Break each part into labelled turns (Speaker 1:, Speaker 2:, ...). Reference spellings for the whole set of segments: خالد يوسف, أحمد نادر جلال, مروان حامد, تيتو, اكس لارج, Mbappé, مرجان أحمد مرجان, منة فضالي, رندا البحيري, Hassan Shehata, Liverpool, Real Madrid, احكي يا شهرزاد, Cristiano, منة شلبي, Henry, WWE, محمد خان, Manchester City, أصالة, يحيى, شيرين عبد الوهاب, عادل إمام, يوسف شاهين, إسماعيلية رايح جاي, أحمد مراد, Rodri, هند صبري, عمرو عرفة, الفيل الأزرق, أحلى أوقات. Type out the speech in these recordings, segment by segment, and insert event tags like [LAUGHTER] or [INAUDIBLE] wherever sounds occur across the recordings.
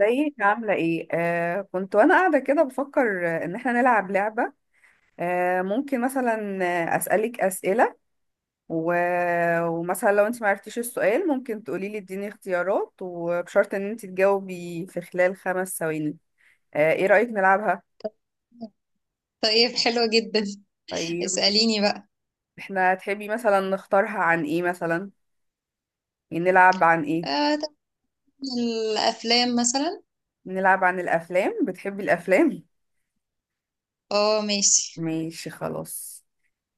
Speaker 1: ازيك؟ عاملة ايه؟ كنت وانا قاعدة كده بفكر ان احنا نلعب لعبة. ممكن مثلا اسألك اسئلة و... ومثلا لو انت معرفتيش السؤال ممكن تقولي لي اديني اختيارات، وبشرط ان انت تجاوبي في خلال 5 ثواني. ايه رأيك نلعبها؟
Speaker 2: طيب، حلو جدا.
Speaker 1: طيب،
Speaker 2: اسأليني بقى.
Speaker 1: احنا تحبي مثلا نختارها عن ايه مثلا؟ يعني نلعب عن ايه؟
Speaker 2: طب، الأفلام مثلا.
Speaker 1: نلعب عن الافلام، بتحبي الافلام؟
Speaker 2: اه، ماشي.
Speaker 1: ماشي خلاص.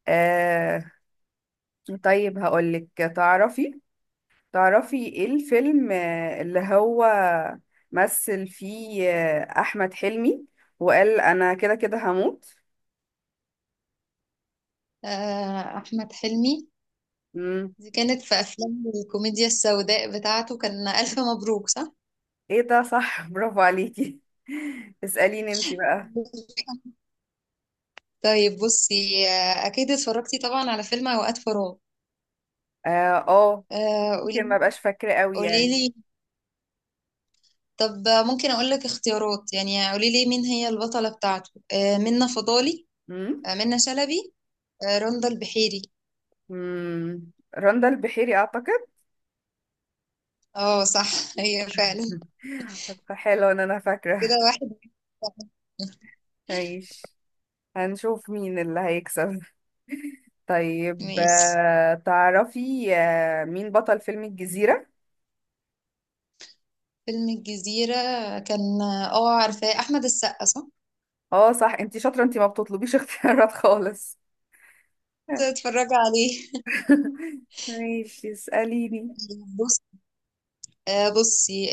Speaker 1: آه طيب هقولك، تعرفي تعرفي ايه الفيلم اللي هو مثل فيه احمد حلمي وقال انا كده كده هموت.
Speaker 2: أحمد حلمي،
Speaker 1: امم
Speaker 2: دي كانت في أفلام الكوميديا السوداء بتاعته. كان ألف مبروك، صح؟
Speaker 1: ايه ده، صح، برافو عليكي. [LAUGHS] اسأليني انتي بقى.
Speaker 2: طيب، بصي، أكيد اتفرجتي طبعا على فيلم أوقات فراغ.
Speaker 1: اه
Speaker 2: آه قولي
Speaker 1: يمكن ما بقاش فاكرة قوي يعني.
Speaker 2: قوليلي طب ممكن أقول لك اختيارات، يعني قوليلي مين هي البطلة بتاعته. منة فضالي،
Speaker 1: امم
Speaker 2: منة شلبي، رندا البحيري.
Speaker 1: امم رندا البحيري اعتقد.
Speaker 2: اه، صح. [LAUGHS] هي فعلا.
Speaker 1: [LAUGHS] حلو ان انا
Speaker 2: كده
Speaker 1: فاكرة.
Speaker 2: واحد.
Speaker 1: ماشي، هنشوف مين اللي هيكسب. طيب
Speaker 2: ماشي.
Speaker 1: تعرفي مين بطل فيلم الجزيرة؟
Speaker 2: فيلم الجزيرة كان، اه، عارفاه؟ أحمد السقا، صح؟
Speaker 1: اه صح، انتي شاطرة، انتي ما بتطلبيش اختيارات خالص.
Speaker 2: تتفرجي عليه.
Speaker 1: [LAUGHS] ماشي اسأليني.
Speaker 2: [LAUGHS] بص، بصي،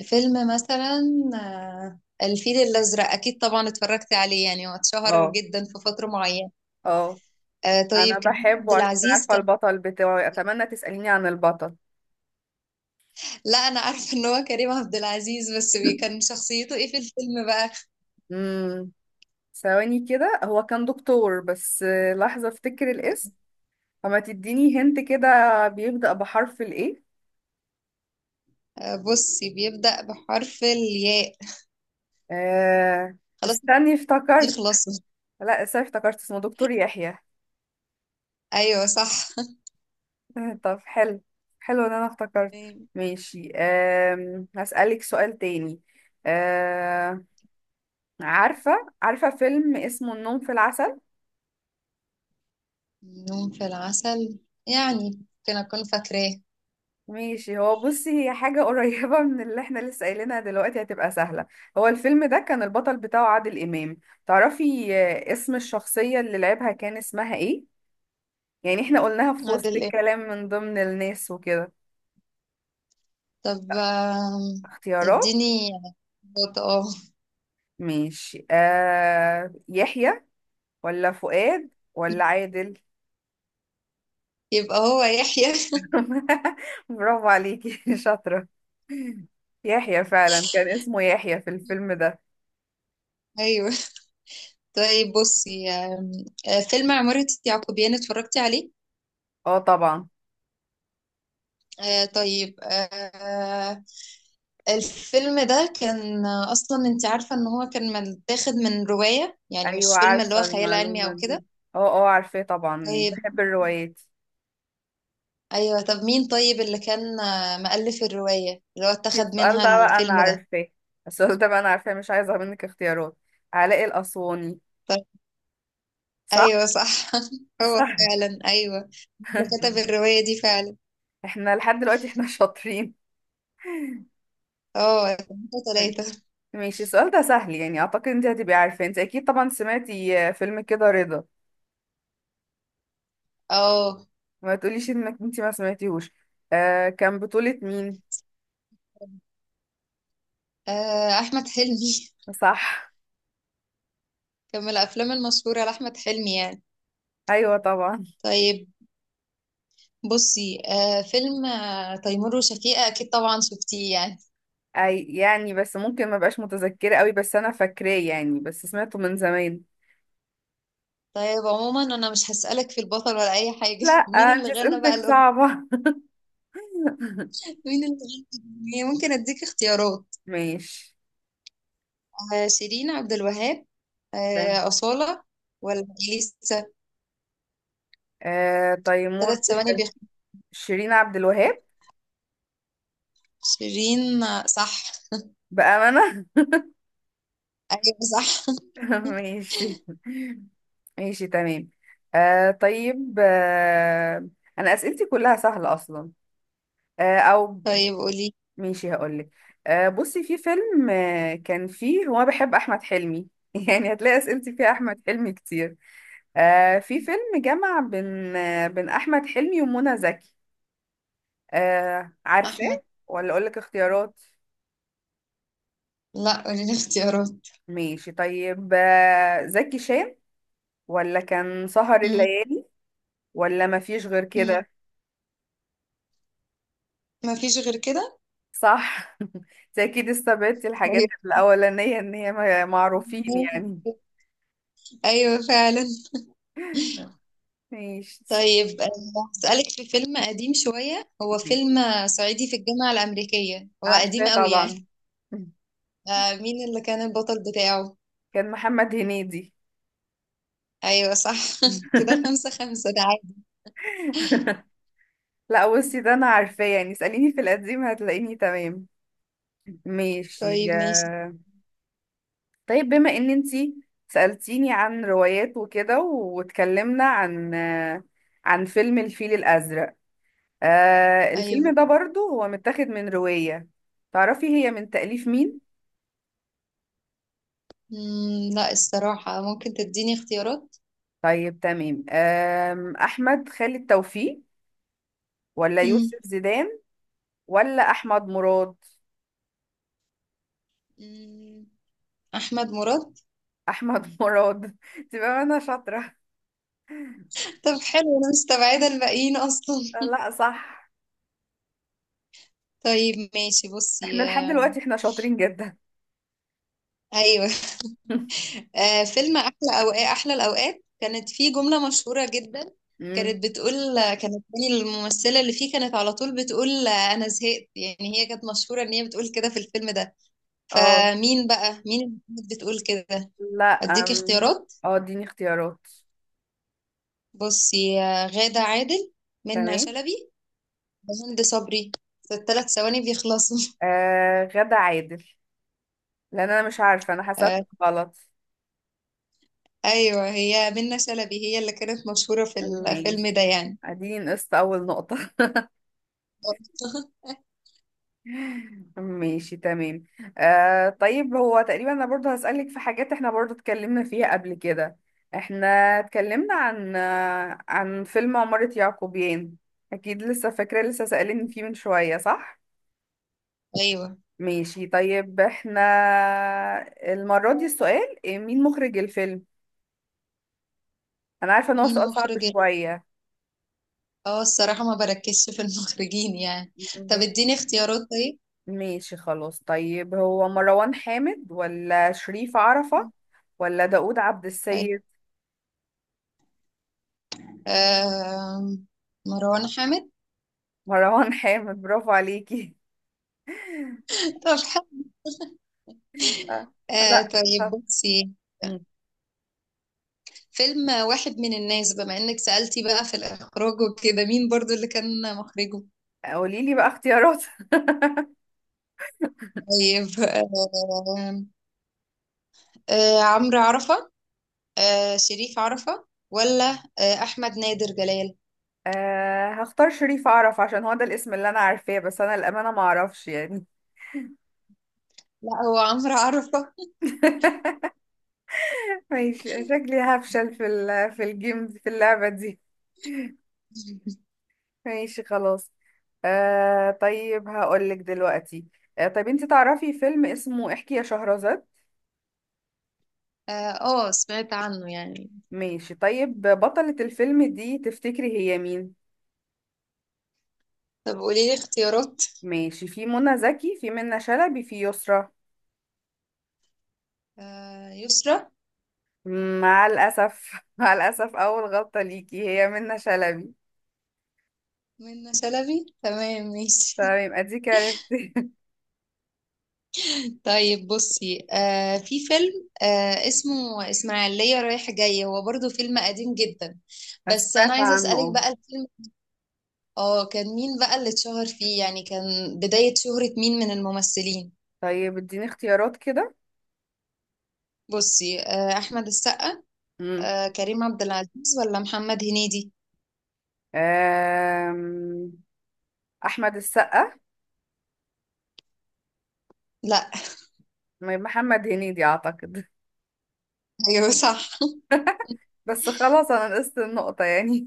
Speaker 2: الفيلم مثلا. آه، الفيل الأزرق أكيد طبعا اتفرجت عليه، يعني هو اتشهر
Speaker 1: اه
Speaker 2: جدا في فترة معينة.
Speaker 1: اه،
Speaker 2: طيب،
Speaker 1: انا
Speaker 2: كريم عبد
Speaker 1: بحبه عشان
Speaker 2: العزيز
Speaker 1: عارفة
Speaker 2: كان.
Speaker 1: البطل بتاعي، اتمنى تسأليني عن البطل.
Speaker 2: لا، أنا عارفة إن هو كريم عبد العزيز، بس كان شخصيته إيه في الفيلم بقى؟
Speaker 1: امم ثواني كده، هو كان دكتور بس لحظة افتكر الاسم. فما تديني هنت كده، بيبدأ بحرف الايه؟
Speaker 2: بصي، بيبدأ بحرف الياء.
Speaker 1: آه،
Speaker 2: خلاص.
Speaker 1: استني افتكرت.
Speaker 2: يخلصوا.
Speaker 1: لا استني افتكرت، اسمه دكتور يحيى.
Speaker 2: أيوه صح.
Speaker 1: [LAUGHS] طب حلو، حلو ان انا افتكرت. ماشي هسألك سؤال تاني. أم... عارفة عارفة فيلم اسمه النوم في العسل؟
Speaker 2: يوم في العسل، يعني ممكن أكون فاكراه.
Speaker 1: ماشي هو بصي، هي حاجة [LAUGHS] قريبة من اللي احنا لسه قايلينها دلوقتي، هتبقى سهلة. هو الفيلم ده كان البطل بتاعه عادل إمام، تعرفي اسم الشخصية اللي لعبها كان اسمها ايه؟ يعني احنا قلناها في وسط
Speaker 2: عادل إيه؟
Speaker 1: الكلام من ضمن الناس وكده.
Speaker 2: طب،
Speaker 1: اختيارات.
Speaker 2: اديني نقطة. اه.
Speaker 1: ماشي يحيى، ولا فؤاد، ولا
Speaker 2: [LAUGHS]
Speaker 1: عادل؟
Speaker 2: يبقى هو يحيى. [LAUGHS]
Speaker 1: [LAUGHS] برافو عليكي شاطرة، يحيى فعلا كان اسمه يحيى في الفيلم ده.
Speaker 2: أيوه. طيب، بصي، فيلم عمارة يعقوبيان اتفرجتي عليه.
Speaker 1: اه طبعا.
Speaker 2: طيب، الفيلم ده كان أصلا، أنت عارفة إن هو كان متاخد من رواية، يعني
Speaker 1: ايوه
Speaker 2: مش فيلم اللي هو
Speaker 1: عارفة
Speaker 2: خيال علمي
Speaker 1: المعلومة
Speaker 2: أو
Speaker 1: دي.
Speaker 2: كده.
Speaker 1: اه اه عارفاه طبعا، يعني
Speaker 2: طيب.
Speaker 1: بحب الروايات.
Speaker 2: ايوه، طب مين، طيب اللي كان مؤلف الرواية اللي هو اتخذ
Speaker 1: السؤال
Speaker 2: منها
Speaker 1: ده بقى انا
Speaker 2: الفيلم ده.
Speaker 1: عارفاه السؤال ده بقى انا عارفاه، مش عايزة منك اختيارات، علاء الأسواني،
Speaker 2: طب
Speaker 1: صح؟
Speaker 2: ايوه صح. [LAUGHS] هو
Speaker 1: صح.
Speaker 2: فعلا ايوه. اللي كتب
Speaker 1: [LAUGHS]
Speaker 2: الرواية دي فعلا.
Speaker 1: احنا لحد دلوقتي شاطرين.
Speaker 2: اه. ثلاثة.
Speaker 1: ماشي، السؤال ده سهل يعني، اعتقد انت هتبقي عارفة، انت اكيد طبعا سمعتي فيلم كده رضا،
Speaker 2: اه.
Speaker 1: ما تقوليش انك انت ما سمعتيهوش. كان بطولة مين؟
Speaker 2: احمد حلمي.
Speaker 1: صح.
Speaker 2: [LAUGHS] كان من الافلام المشهورة لاحمد حلمي يعني.
Speaker 1: ايوه طبعا.
Speaker 2: طيب، بصي، فيلم تيمور وشفيقة اكيد طبعا شفتيه يعني.
Speaker 1: اي يعني، بس ممكن ما بقاش متذكره قوي، بس انا فاكراه يعني، بس سمعته من زمان.
Speaker 2: طيب، عموما انا مش هسألك في البطل ولا اي حاجة.
Speaker 1: لا
Speaker 2: [LAUGHS] مين
Speaker 1: انت
Speaker 2: اللي غنى بقى
Speaker 1: اسئلتك
Speaker 2: الأغنية؟
Speaker 1: صعبه. [LAUGHS]
Speaker 2: [LAUGHS] مين اللي غنى الأغنية؟ ممكن اديك اختيارات.
Speaker 1: ماشي
Speaker 2: شيرين عبد الوهاب،
Speaker 1: تمام.
Speaker 2: أصالة، ولا إليسا؟
Speaker 1: آه تيمور
Speaker 2: 3 ثواني
Speaker 1: وش- شيرين عبد الوهاب.
Speaker 2: شيرين، صح.
Speaker 1: بامانه.
Speaker 2: أيوة صح.
Speaker 1: [LAUGHS] ماشي، ماشي تمام. آه طيب آه انا اسئلتي كلها سهله اصلا. آه او
Speaker 2: طيب قولي.
Speaker 1: ماشي هقولك. بصي في فيلم كان فيه هو، أنا بحب أحمد حلمي [LAUGHS] يعني هتلاقي أسئلتي فيها أحمد حلمي كتير. في فيلم جمع بين بين أحمد حلمي ومنى زكي، عارفاه
Speaker 2: أحمد
Speaker 1: ولا أقولك اختيارات؟
Speaker 2: لا، قولي لي اختيارات.
Speaker 1: ماشي طيب، زكي شان، ولا كان سهر
Speaker 2: مم،
Speaker 1: الليالي، ولا مفيش غير
Speaker 2: مم.
Speaker 1: كده؟
Speaker 2: ما فيش غير كده.
Speaker 1: صح. [LAUGHS] أنت أكيد استبعدتي الحاجات
Speaker 2: طيب
Speaker 1: الأولانية إن هي معروفين يعني.
Speaker 2: أيوة فعلا.
Speaker 1: [LAUGHS] ماشي.
Speaker 2: طيب، هسألك في فيلم قديم شوية، هو فيلم صعيدي في الجامعة الأمريكية، هو
Speaker 1: عارفاه
Speaker 2: قديم قوي
Speaker 1: طبعا.
Speaker 2: يعني.
Speaker 1: [LAUGHS]
Speaker 2: مين اللي كان البطل بتاعه؟
Speaker 1: كان محمد هنيدي.
Speaker 2: أيوة صح. [LAUGHS] كده
Speaker 1: [LAUGHS]
Speaker 2: خمسة خمسة ده عادي.
Speaker 1: لا بصي ده انا عارفاه يعني، اسأليني في القديم هتلاقيني تمام. ماشي
Speaker 2: طيب ماشي.
Speaker 1: يا- طيب بما ان انتي سألتيني عن روايات وكده، واتكلمنا عن فيلم الفيل الأزرق،
Speaker 2: أيوة.
Speaker 1: الفيلم ده برضو هو متاخد من رواية، تعرفي هي من تأليف مين؟
Speaker 2: مم، لا، الصراحة ممكن تديني اختيارات.
Speaker 1: طيب تمام أحمد خالد توفيق، ولا
Speaker 2: مم.
Speaker 1: يوسف زيدان، ولا أحمد مراد؟
Speaker 2: مم، أحمد مراد.
Speaker 1: احمد مراد. [LAUGHS] تبقى انا شاطره.
Speaker 2: طب حلو، أنا مستبعدة الباقيين أصلا.
Speaker 1: لا صح.
Speaker 2: [LAUGHS] طيب ماشي،
Speaker 1: احنا
Speaker 2: بصي،
Speaker 1: لحد دلوقتي احنا شاطرين جدا.
Speaker 2: أيوه.
Speaker 1: [LAUGHS]
Speaker 2: فيلم أحلى أوقات، أحلى الأوقات كانت فيه جملة مشهورة جدا.
Speaker 1: امم
Speaker 2: كانت بتقول، كانت مين الممثلة اللي فيه كانت على طول بتقول أنا زهقت، يعني هي كانت مشهورة إن هي بتقول كده في الفيلم ده.
Speaker 1: اه.
Speaker 2: فمين بقى، مين اللي كانت بتقول كده؟
Speaker 1: لا
Speaker 2: أديك اختيارات.
Speaker 1: اه اديني اختيارات.
Speaker 2: بصي غادة عادل، منى
Speaker 1: تمام.
Speaker 2: شلبي، هند صبري، في الثلاث ثواني بيخلصوا. [LAUGHS]
Speaker 1: غدا عادل، لان انا مش عارفه، انا حسيت
Speaker 2: آه،
Speaker 1: غلط.
Speaker 2: ايوه، هي منة شلبي، هي اللي كانت مشهورة في الفيلم
Speaker 1: ماشي،
Speaker 2: ده يعني.
Speaker 1: اديني نقصت اول نقطه. [LAUGHS]
Speaker 2: [LAUGHS]
Speaker 1: ماشي تمام. طيب هو تقريبا انا برضه هسألك في حاجات احنا برضه اتكلمنا فيها قبل كده. احنا اتكلمنا عن عن فيلم عمارة يعقوبيان، اكيد لسه فاكرة، لسه سألني فيه من شوية صح.
Speaker 2: ايوه،
Speaker 1: ماشي طيب، احنا المرة دي السؤال إيه، مين مخرج الفيلم؟ انا عارفة ان هو
Speaker 2: مين
Speaker 1: سؤال صعب
Speaker 2: مخرج
Speaker 1: شوية.
Speaker 2: اه، الصراحة ما بركزش في المخرجين يعني. طب
Speaker 1: ماشي،
Speaker 2: اديني اختيارات طيب.
Speaker 1: ماشي خلاص، طيب هو مروان حامد، ولا شريف عرفة، ولا داوود عبد
Speaker 2: أيوة.
Speaker 1: السيد؟
Speaker 2: آه، مروان حامد.
Speaker 1: مروان حامد، برافو عليكي.
Speaker 2: [LAUGHS] طب حلو.
Speaker 1: آه، لا
Speaker 2: طيب، بصي فيلم واحد من الناس، بما انك سألتي بقى في الاخراج وكده، مين برضو اللي كان مخرجه؟
Speaker 1: قولي لي بقى اختيارات. [LAUGHS]
Speaker 2: طيب، عمرو عرفة، شريف عرفة، ولا أحمد نادر جلال.
Speaker 1: أه هختار شريف اعرف، عشان هو ده الاسم اللي انا عارفاه، بس انا الامانه ما اعرفش يعني.
Speaker 2: لا، هو عمرو عرفة.
Speaker 1: [LAUGHS] ماشي شكلي هفشل في اللعبه دي. ماشي خلاص. أه طيب هقول لك دلوقتي، أه طيب انت تعرفي فيلم اسمه احكي يا شهرزاد؟
Speaker 2: اه، سمعت عنه يعني.
Speaker 1: ماشي، طيب بطلة الفيلم دي تفتكري هي مين؟
Speaker 2: طب قولي لي اختيارات.
Speaker 1: ماشي، في منى زكي، في منى شلبي، في يسرى.
Speaker 2: آه يسرا.
Speaker 1: مع الأسف. [LAUGHS] مع الأسف، أول غلطة ليكي، هي منة شلبي.
Speaker 2: منة شلبي تمام ماشي.
Speaker 1: تمام يبقى ديك عرفتي.
Speaker 2: [LAUGHS] طيب بصي في فيلم اسمه إسماعيلية رايح جاي، هو برضو فيلم قديم جدا.
Speaker 1: [LAUGHS]
Speaker 2: بس أنا
Speaker 1: سمعت
Speaker 2: عايزة
Speaker 1: عنه
Speaker 2: أسألك
Speaker 1: اه.
Speaker 2: بقى الفيلم. اه، كان مين بقى اللي اتشهر فيه يعني، كان بداية شهرة مين من الممثلين.
Speaker 1: طيب اديني اختيارات كده.
Speaker 2: بصي أحمد السقا،
Speaker 1: مم.
Speaker 2: كريم عبد العزيز، ولا محمد هنيدي.
Speaker 1: آم، أحمد السقا.
Speaker 2: لا. [LAUGHS]
Speaker 1: محمد هنيدي أعتقد.
Speaker 2: ايوه صح.
Speaker 1: [LAUGHS] بس خلاص أنا نقصت النقطة يعني.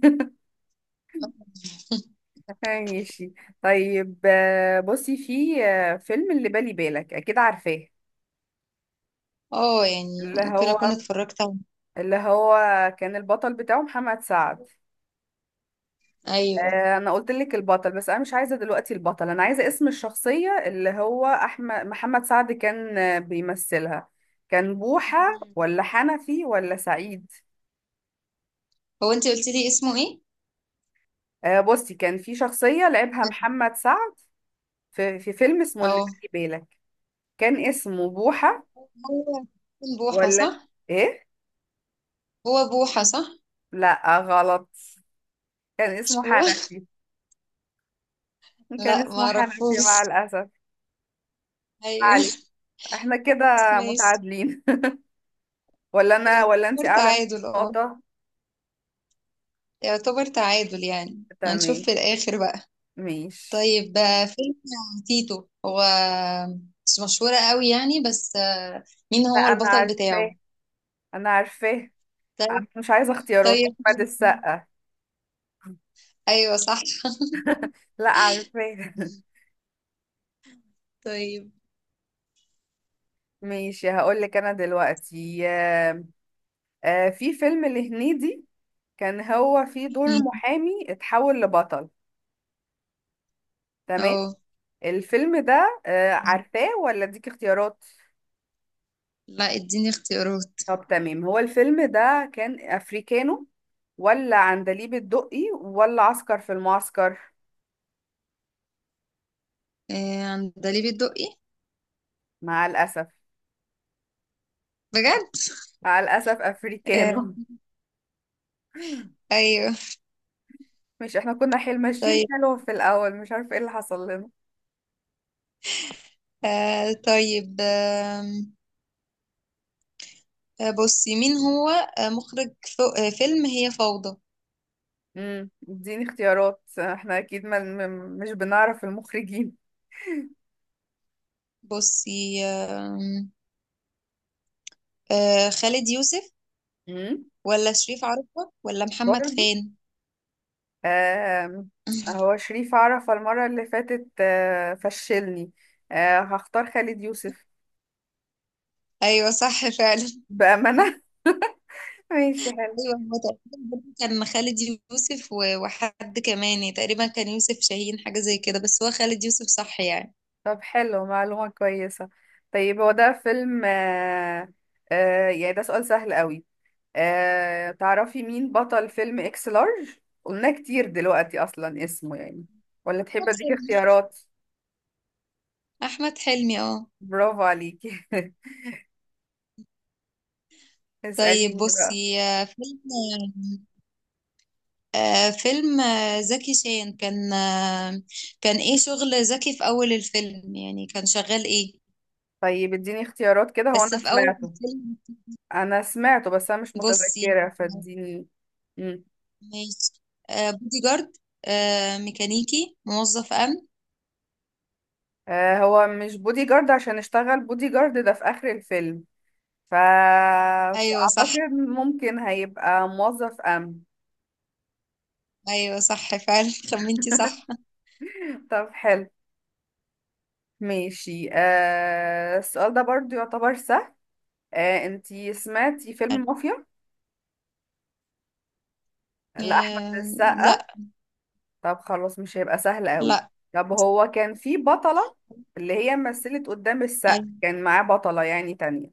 Speaker 1: [LAUGHS] ماشي طيب بصي في فيلم اللي بالي بالك، أكيد عارفاه.
Speaker 2: اه، يعني
Speaker 1: اللي
Speaker 2: ممكن
Speaker 1: هو
Speaker 2: اكون اتفرجت عليه.
Speaker 1: اللي هو كان البطل بتاعه محمد سعد.
Speaker 2: ايوه.
Speaker 1: انا قلت لك البطل، بس انا مش عايزه دلوقتي البطل، انا عايزه اسم الشخصيه اللي هو احمد محمد سعد كان بيمثلها. كان بوحه، ولا حنفي، ولا سعيد؟
Speaker 2: هو انت قلت لي اسمه ايه؟
Speaker 1: بصي كان في شخصيه لعبها محمد سعد في فيلم اسمه اللي
Speaker 2: اه،
Speaker 1: بالي بالك، كان اسمه بوحه،
Speaker 2: هو بوحة
Speaker 1: ولا
Speaker 2: صح،
Speaker 1: ايه؟
Speaker 2: هو بوحة صح،
Speaker 1: لا غلط، كان
Speaker 2: مش
Speaker 1: اسمه
Speaker 2: هو.
Speaker 1: حنفي.
Speaker 2: [LAUGHS]
Speaker 1: كان
Speaker 2: لا، ما
Speaker 1: اسمه حنفي
Speaker 2: اعرفوش.
Speaker 1: مع الاسف. ما
Speaker 2: ايوه.
Speaker 1: عليك، احنا كده
Speaker 2: بس ماشي.
Speaker 1: متعادلين. [LAUGHS] ولا انا ولا انت
Speaker 2: يعتبر
Speaker 1: اعلى من
Speaker 2: تعادل، اه،
Speaker 1: نقطه.
Speaker 2: يعتبر تعادل، يعني هنشوف
Speaker 1: تمام
Speaker 2: في الاخر بقى.
Speaker 1: ماشي.
Speaker 2: طيب، فيلم تيتو، هو مش مشهورة قوي يعني، بس مين
Speaker 1: لا
Speaker 2: هو
Speaker 1: انا
Speaker 2: البطل
Speaker 1: عارفاه،
Speaker 2: بتاعه؟
Speaker 1: انا عارفاه، أنا مش عايزه اختيارات،
Speaker 2: طيب
Speaker 1: احمد
Speaker 2: حلو.
Speaker 1: السقا.
Speaker 2: ايوه صح.
Speaker 1: لا عارفاه. [LAUGHS]
Speaker 2: طيب.
Speaker 1: ماشي هقول لك انا دلوقتي، في فيلم لهنيدي كان هو فيه دور
Speaker 2: مم.
Speaker 1: محامي اتحول لبطل، تمام؟
Speaker 2: اه،
Speaker 1: الفيلم ده عارفاه ولا اديك اختيارات؟
Speaker 2: لا، اديني اختيارات.
Speaker 1: طب تمام، هو الفيلم ده كان افريكانو، ولا عندليب الدقي، ولا عسكر في المعسكر؟
Speaker 2: عندليب الدقي.
Speaker 1: مع الاسف،
Speaker 2: بجد.
Speaker 1: مع الاسف
Speaker 2: آه،
Speaker 1: افريكانو.
Speaker 2: ايوه.
Speaker 1: مش احنا كنا حيل ماشيين
Speaker 2: طيب،
Speaker 1: حلو في الاول، مش عارفه ايه اللي حصل لنا.
Speaker 2: طيب، بصي، مين هو مخرج فيلم هي فوضى.
Speaker 1: اديني اختيارات، احنا اكيد ما م- مش بنعرف المخرجين.
Speaker 2: بصي، خالد يوسف،
Speaker 1: امم
Speaker 2: ولا شريف عرفة، ولا محمد
Speaker 1: برضو
Speaker 2: خان؟
Speaker 1: آم، هو
Speaker 2: [LAUGHS]
Speaker 1: شريف عرفة المرة اللي فاتت فشلني. هختار خالد يوسف،
Speaker 2: ايوه صح فعلا.
Speaker 1: بأمانة. [LAUGHS] ماشي حلو.
Speaker 2: أيوه، هو تقريبا برضه كان خالد يوسف وحد كمان يعني، تقريبا كان يوسف شاهين، حاجة زي كده، بس هو خالد يوسف صح يعني.
Speaker 1: طب حلو معلومة كويسة. طيب هو ده فيلم يعني ده سؤال سهل قوي. تعرفي مين بطل فيلم اكس لارج؟ قلنا كتير دلوقتي اصلا اسمه يعني، ولا
Speaker 2: أحمد
Speaker 1: تحبي اديك
Speaker 2: حلمي.
Speaker 1: اختيارات؟
Speaker 2: أحمد حلمي، اه.
Speaker 1: برافو عليكي. [LAUGHS]
Speaker 2: طيب
Speaker 1: اسأليني بقى.
Speaker 2: بصي فيلم فيلم زكي شان كان، كان ايه شغل زكي في أول الفيلم، يعني كان شغال ايه،
Speaker 1: طيب اديني اختيارات كده، هو
Speaker 2: بس
Speaker 1: انا
Speaker 2: في أول
Speaker 1: سمعته،
Speaker 2: الفيلم.
Speaker 1: انا سمعته بس انا مش
Speaker 2: بصي
Speaker 1: متذكرة
Speaker 2: آه،
Speaker 1: فاديني. مم.
Speaker 2: ماشي. بودي جارد، ميكانيكي، موظف أمن.
Speaker 1: آه هو مش بودي جارد، عشان اشتغل بودي جارد ده في اخر الفيلم،
Speaker 2: أيوه صح.
Speaker 1: فاعتقد ممكن هيبقى موظف امن.
Speaker 2: أيوه صح فعلا. [LAUGHS] خمنتي
Speaker 1: [LAUGHS]
Speaker 2: صح.
Speaker 1: طب حلو. ماشي، آه السؤال ده برضو يعتبر سهل. آه انتي سمعتي فيلم مافيا لأحمد
Speaker 2: لا.
Speaker 1: السقا؟ طب خلاص، مش هيبقى سهل قوي.
Speaker 2: لا.
Speaker 1: طب هو كان في بطلة، اللي هي مثلت قدام السقا،
Speaker 2: أيوة.
Speaker 1: كان معاه بطلة يعني تانية.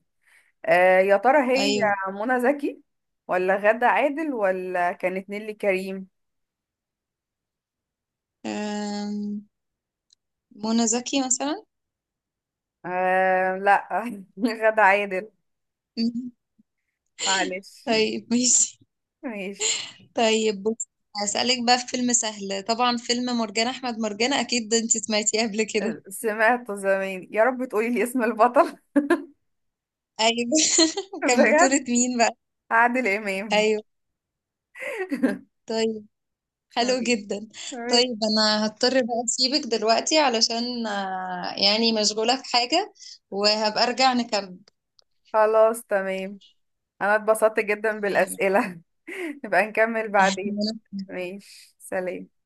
Speaker 1: آه يا ترى هي
Speaker 2: أيوه.
Speaker 1: منى زكي، ولا غادة عادل، ولا كانت نيللي كريم؟
Speaker 2: آم، منى زكي مثلا.
Speaker 1: آه لا. [LAUGHS] غادة عادل،
Speaker 2: مم.
Speaker 1: معلش.
Speaker 2: طيب ماشي.
Speaker 1: ماشي.
Speaker 2: طيب بص، هسألك بقى في فيلم سهل طبعا، فيلم مرجان أحمد مرجان، أكيد ده أنت سمعتيه قبل كده.
Speaker 1: سمعت زمان، يا رب تقولي لي اسم البطل. [LAUGHS]
Speaker 2: أيوه. [LAUGHS] كان بطولة
Speaker 1: بجد،
Speaker 2: مين بقى؟
Speaker 1: عادل إمام.
Speaker 2: أيوه، طيب،
Speaker 1: [LAUGHS]
Speaker 2: حلو جدا.
Speaker 1: ماشي.
Speaker 2: طيب، أنا هضطر بقى أسيبك دلوقتي علشان يعني مشغولة في حاجة، وهبقى أرجع نكمل.
Speaker 1: خلاص تمام، انا اتبسطت جدا
Speaker 2: تمام.
Speaker 1: بالاسئله. [LAUGHS] نبقى نكمل بعدين.
Speaker 2: [LAUGHS]
Speaker 1: ماشي سلام.